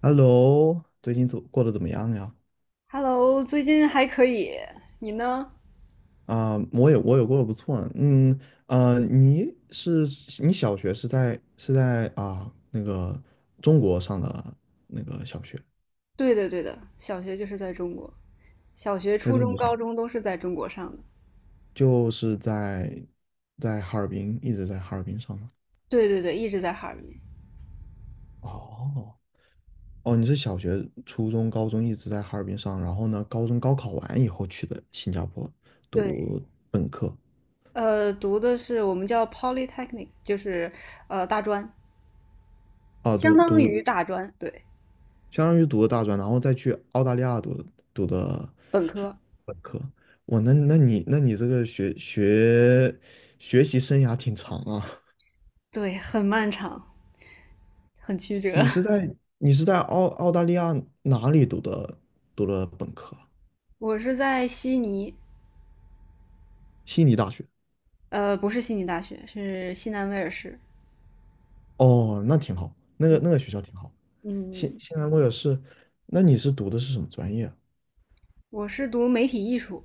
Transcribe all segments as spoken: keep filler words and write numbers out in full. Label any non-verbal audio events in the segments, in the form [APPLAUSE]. Hello,最近怎过得怎么样呀？Hello，最近还可以，你呢？啊、我也我也过得不错呢嗯，呃，你是你小学是在是在啊、那个中国上的那个小学，对的，对的，小学就是在中国，小学、在初中国中、上高中都是在中国上的。就是在在哈尔滨一直在哈尔滨上的。对对对，一直在哈尔滨。哦，哦，你是小学、初中、高中一直在哈尔滨上，然后呢，高中高考完以后去的新加坡对，读本科呃，读的是我们叫 polytechnic,就是呃大专，啊，相读当读于大专，对，相当于读的大专，然后再去澳大利亚读的读的本科。本科。哇，那那你那你这个学学学习生涯挺长啊。对，很漫长，很曲折。你是在你是在澳澳大利亚哪里读的读的本科啊， [LAUGHS] 我是在悉尼，悉尼大学。呃，不是悉尼大学，是西南威尔士。哦，那挺好，那个那个学校挺好。现嗯，现在我也是，那你是读的是什么专业啊？我是读媒体艺术。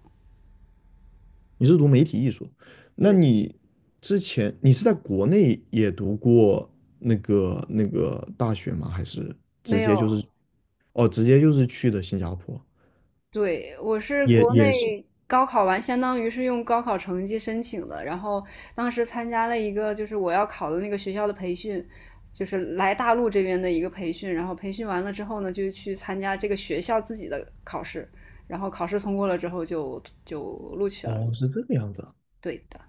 你是读媒体艺术，那对，你之前你是在国内也读过那个那个大学吗？还是没直有，接就是，哦，直接就是去的新加坡？对，我是也国也是，内高考完，相当于是用高考成绩申请的，然后当时参加了一个就是我要考的那个学校的培训，就是来大陆这边的一个培训，然后培训完了之后呢，就去参加这个学校自己的考试，然后考试通过了之后就就录取了。哦，是这个样子啊。对的，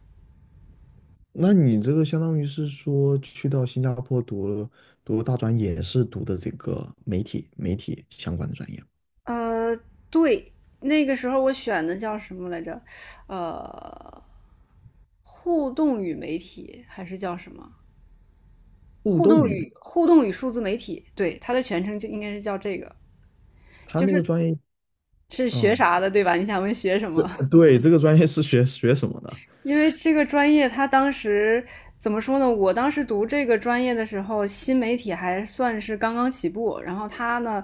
那你这个相当于是说去到新加坡读了读了大专，也是读的这个媒体媒体相关的专业，呃，对，那个时候我选的叫什么来着？呃，互动与媒体还是叫什么？互互动动与媒。与互动与数字媒体，对，它的全称就应该是叫这个，他就那个是专业是学啊，啥的，对吧？你想问学什对么？[LAUGHS] 对，这个专业是学学什么的因为这个专业，它当时怎么说呢？我当时读这个专业的时候，新媒体还算是刚刚起步，然后它呢，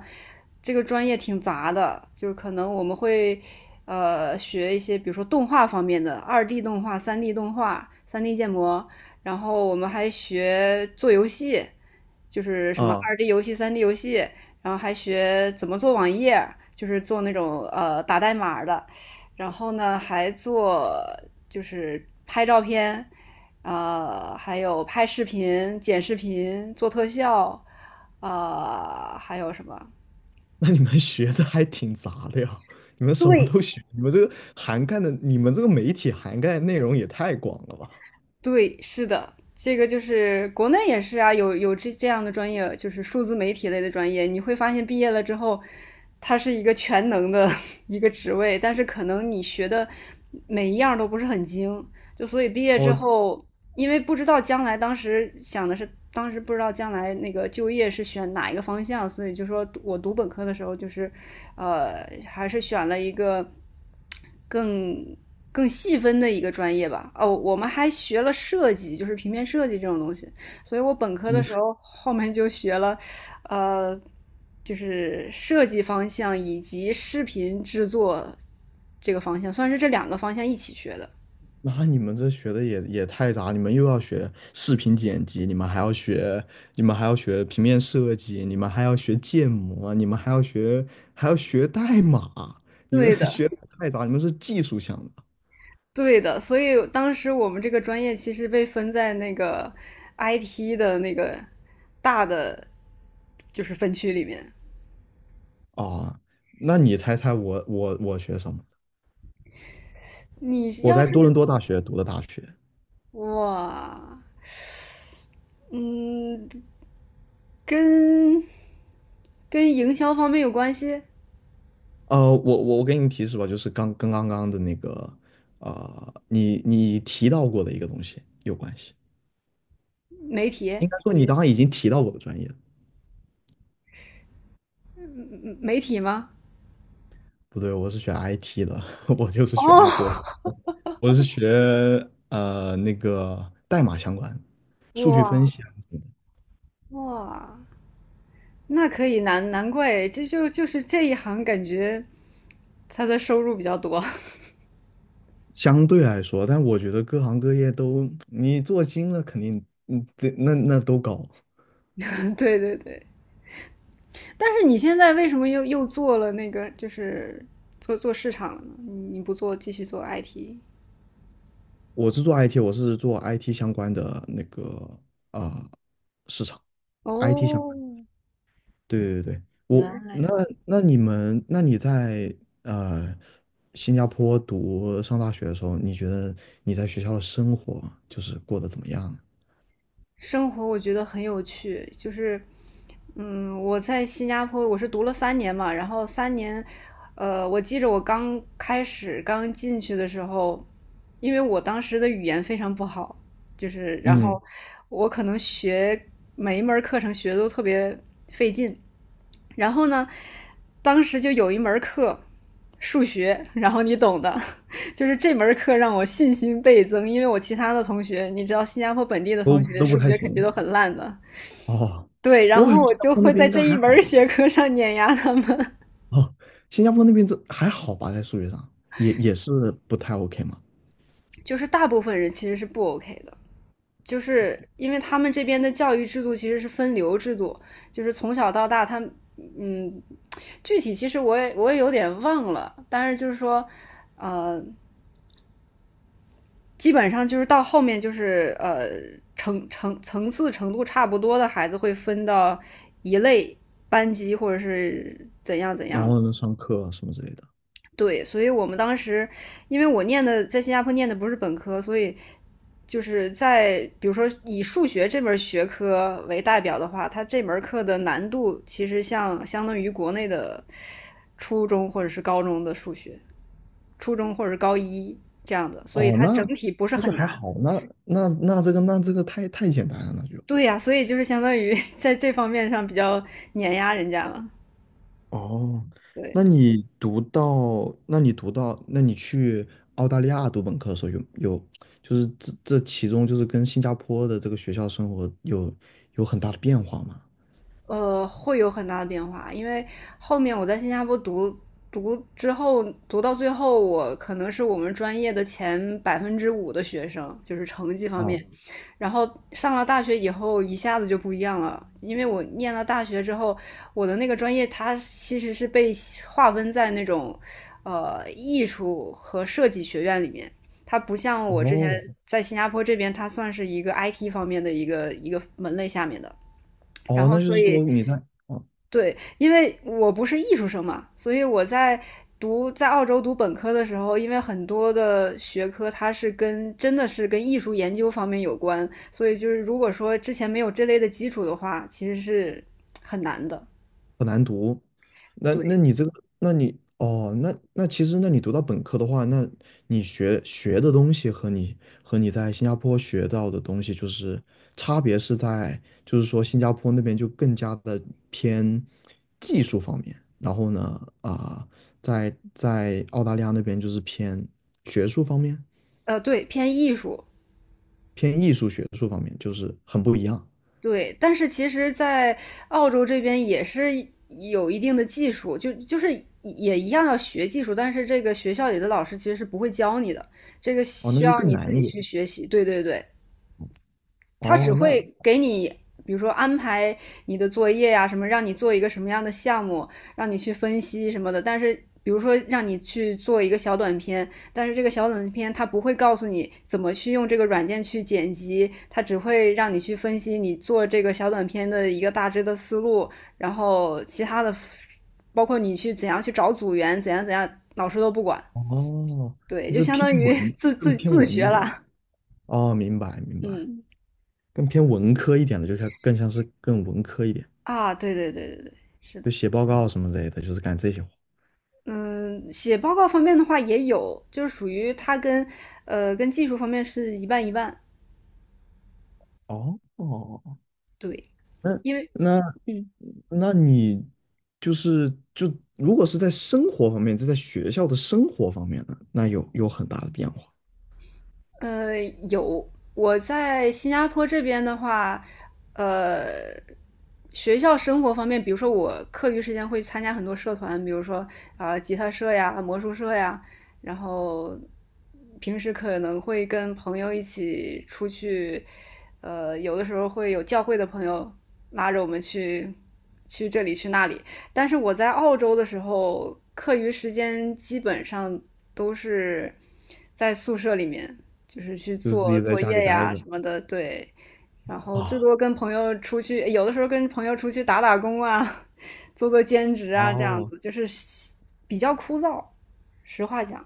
这个专业挺杂的，就是可能我们会呃学一些，比如说动画方面的，二 D 动画、三 D 动画、三 D 建模，然后我们还学做游戏。就是什么啊？二 D 游戏、三 D 游戏，然后还学怎么做网页，就是做那种呃打代码的，然后呢还做就是拍照片，呃，还有拍视频、剪视频、做特效，呃，还有什么？那你们学的还挺杂的呀，你们什么对，都学，你们这个涵盖的，你们这个媒体涵盖的内容也太广了吧？对，是的，这个就是国内也是啊，有有这这样的专业，就是数字媒体类的专业，你会发现毕业了之后，它是一个全能的一个职位，但是可能你学的每一样都不是很精，就所以毕业之哦，后，因为不知道将来，当时想的是，当时不知道将来那个就业是选哪一个方向，所以就说我读本科的时候就是，呃，还是选了一个更更细分的一个专业吧。哦，我们还学了设计，就是平面设计这种东西。所以我本科的时候后面就学了，呃，就是设计方向以及视频制作这个方向，算是这两个方向一起学的。那你们这学的也也太杂，你们又要学视频剪辑，你们还要学，你们还要学平面设计，你们还要学建模，你们还要学还要学代码，你们 对 [LAUGHS] 的，学的太杂，你们是技术项的对的。所以当时我们这个专业其实被分在那个 I T 的那个大的就是分区里面。啊？那你猜猜我我我学什么？你我要在是多伦多大学读的大学。哇，嗯，跟跟营销方面有关系？呃，我我我给你提示吧，就是刚跟刚刚的那个，呃，你你提到过的一个东西有关系。媒体，应该说你刚刚已经提到过的专业了，嗯媒体吗？不对，我是学 I T 的，[LAUGHS] 我就是哦，学 I T 的，我我是学呃那个代码相关，数据分哇，析啊什么的。哇，那可以难难怪，这就就是这一行感觉他的收入比较多。相对来说，但我觉得各行各业都你做精了，肯定嗯，对那那都高。[LAUGHS] 对对对，但是你现在为什么又又做了那个，就是做做市场了呢？你你不做继续做 I T?我是做 I T,我是做 I T 相关的那个啊、呃市场，I T 相。哦，对对对，原我来那如那你们那你在呃新加坡读上大学的时候，你觉得你在学校的生活就是过得怎么样？生活我觉得很有趣，就是，嗯，我在新加坡我是读了三年嘛，然后三年，呃，我记着我刚开始刚进去的时候，因为我当时的语言非常不好，就是然嗯，后我可能学每一门儿课程学的都特别费劲，然后呢，当时就有一门课，数学，然后你懂的，[LAUGHS] 就是这门课让我信心倍增，因为我其他的同学，你知道新加坡本地的都同学都不数太学肯定都行。很烂的，哦，对，然我感后觉我新加就坡那会边在应该这一还好门吧？学科上碾压他们，哦，新加坡那边这还好吧，在数学上也也是不太 OK 嘛。[LAUGHS] 就是大部分人其实是不 OK 的。就是因为他们这边的教育制度其实是分流制度，就是从小到大他，嗯，具体其实我也我也有点忘了，但是就是说，基本上就是到后面就是呃层层层次程度差不多的孩子会分到一类班级或者是怎样怎然样的。后呢，上课什么之类的。对，所以我们当时因为我念的在新加坡念的不是本科，所以就是在比如说以数学这门学科为代表的话，它这门课的难度其实像相当于国内的初中或者是高中的数学，初中或者是高一这样的，所以哦，它整那体不是那就很还难。好，那那那这个那这个太太简单了，那就。对呀、所以就是相当于 [LAUGHS] 在这方面上比较碾压人家嘛。哦，对，那你读到，那你读到，那你去澳大利亚读本科的时候有有，就是这这其中就是跟新加坡的这个学校生活有有很大的变化吗？呃，会有很大的变化，因为后面我在新加坡读读之后，读到最后，我可能是我们专业的前百分之五的学生，就是成绩方面。啊，然后上了大学以后，一下子就不一样了，因为我念了大学之后，我的那个专业它其实是被划分在那种呃艺术和设计学院里面，它不像我之前哦，在新加坡这边，它算是一个 I T 方面的一个一个门类下面的。然哦，后那就所是以说你在，哦，对，因为我不是艺术生嘛，所以我在读在澳洲读本科的时候，因为很多的学科它是跟真的是跟艺术研究方面有关，所以就是如果说之前没有这类的基础的话，其实是很难的。很难读。那那对，你这个，那你哦，那那其实，那你读到本科的话，那你学学的东西和你和你在新加坡学到的东西，就是差别是在，就是说新加坡那边就更加的偏技术方面，然后呢，啊、在在澳大利亚那边就是偏学术方面，呃，对，偏艺术。偏艺术学术方面，就是很不一样。对，但是其实，在澳洲这边也是有一定的技术，就就是也一样要学技术，但是这个学校里的老师其实是不会教你的，这个哦，那需就要更你自难一己点。去学习。对对对，他只哦，那会给你，比如说安排你的作业呀、啊什么，让你做一个什么样的项目，让你去分析什么的。但是，比如说让你去做一个小短片，但是这个小短片它不会告诉你怎么去用这个软件去剪辑，它只会让你去分析你做这个小短片的一个大致的思路，然后其他的，包括你去怎样去找组员，怎样怎样，老师都不管。哦，对，就就是相偏当于 [LAUGHS] 文，自更自偏自学文一点。了。哦，明白明白，嗯更偏文科一点的，就像更像是更文科一点，啊，对对对对对，是的。就写报告什么之类的，就是干这些活。嗯，写报告方面的话也有，就是属于它跟呃跟技术方面是一半一半。哦哦，对，那因为那嗯那你就是就如果是在生活方面，就在学校的生活方面呢，那有有很大的变化，呃有我在新加坡这边的话，呃学校生活方面，比如说我课余时间会参加很多社团，比如说啊、呃吉他社呀、魔术社呀，然后平时可能会跟朋友一起出去，呃，有的时候会有教会的朋友拉着我们去去这里去那里。但是我在澳洲的时候，课余时间基本上都是在宿舍里面，就是去就是自做己在作家里业待呀着什么的，对。然后最啊。多跟朋友出去，有的时候跟朋友出去打打工啊，[LAUGHS] 做做兼职啊，这样哦，子就是比较枯燥。实话讲，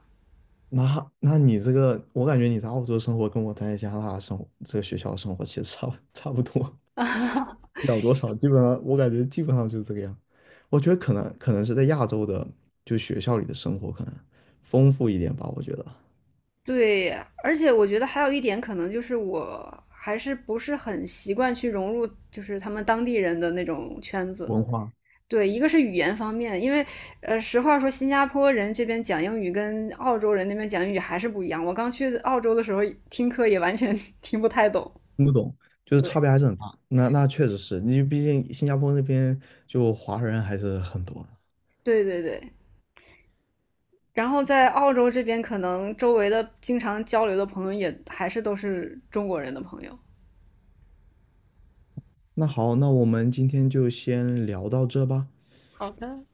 那那你这个，我感觉你在澳洲生活跟我在加拿大生活，这个学校生活其实差不差不多。秒多少，基本上我感觉基本上就是这个样。我觉得可能可能是在亚洲的，就学校里的生活可能丰富一点吧，我觉得对，而且我觉得还有一点可能就是我还是不是很习惯去融入，就是他们当地人的那种圈子。文化对，一个是语言方面，因为呃，实话说，新加坡人这边讲英语跟澳洲人那边讲英语还是不一样。我刚去澳洲的时候听课也完全 [LAUGHS] 听不太懂。听不懂，就是差对，别还是很大。那那确实是，你毕竟新加坡那边就华人还是很多的，对对对，然后在澳洲这边，可能周围的经常交流的朋友也还是都是中国人的朋友。那好，那我们今天就先聊到这吧。好的。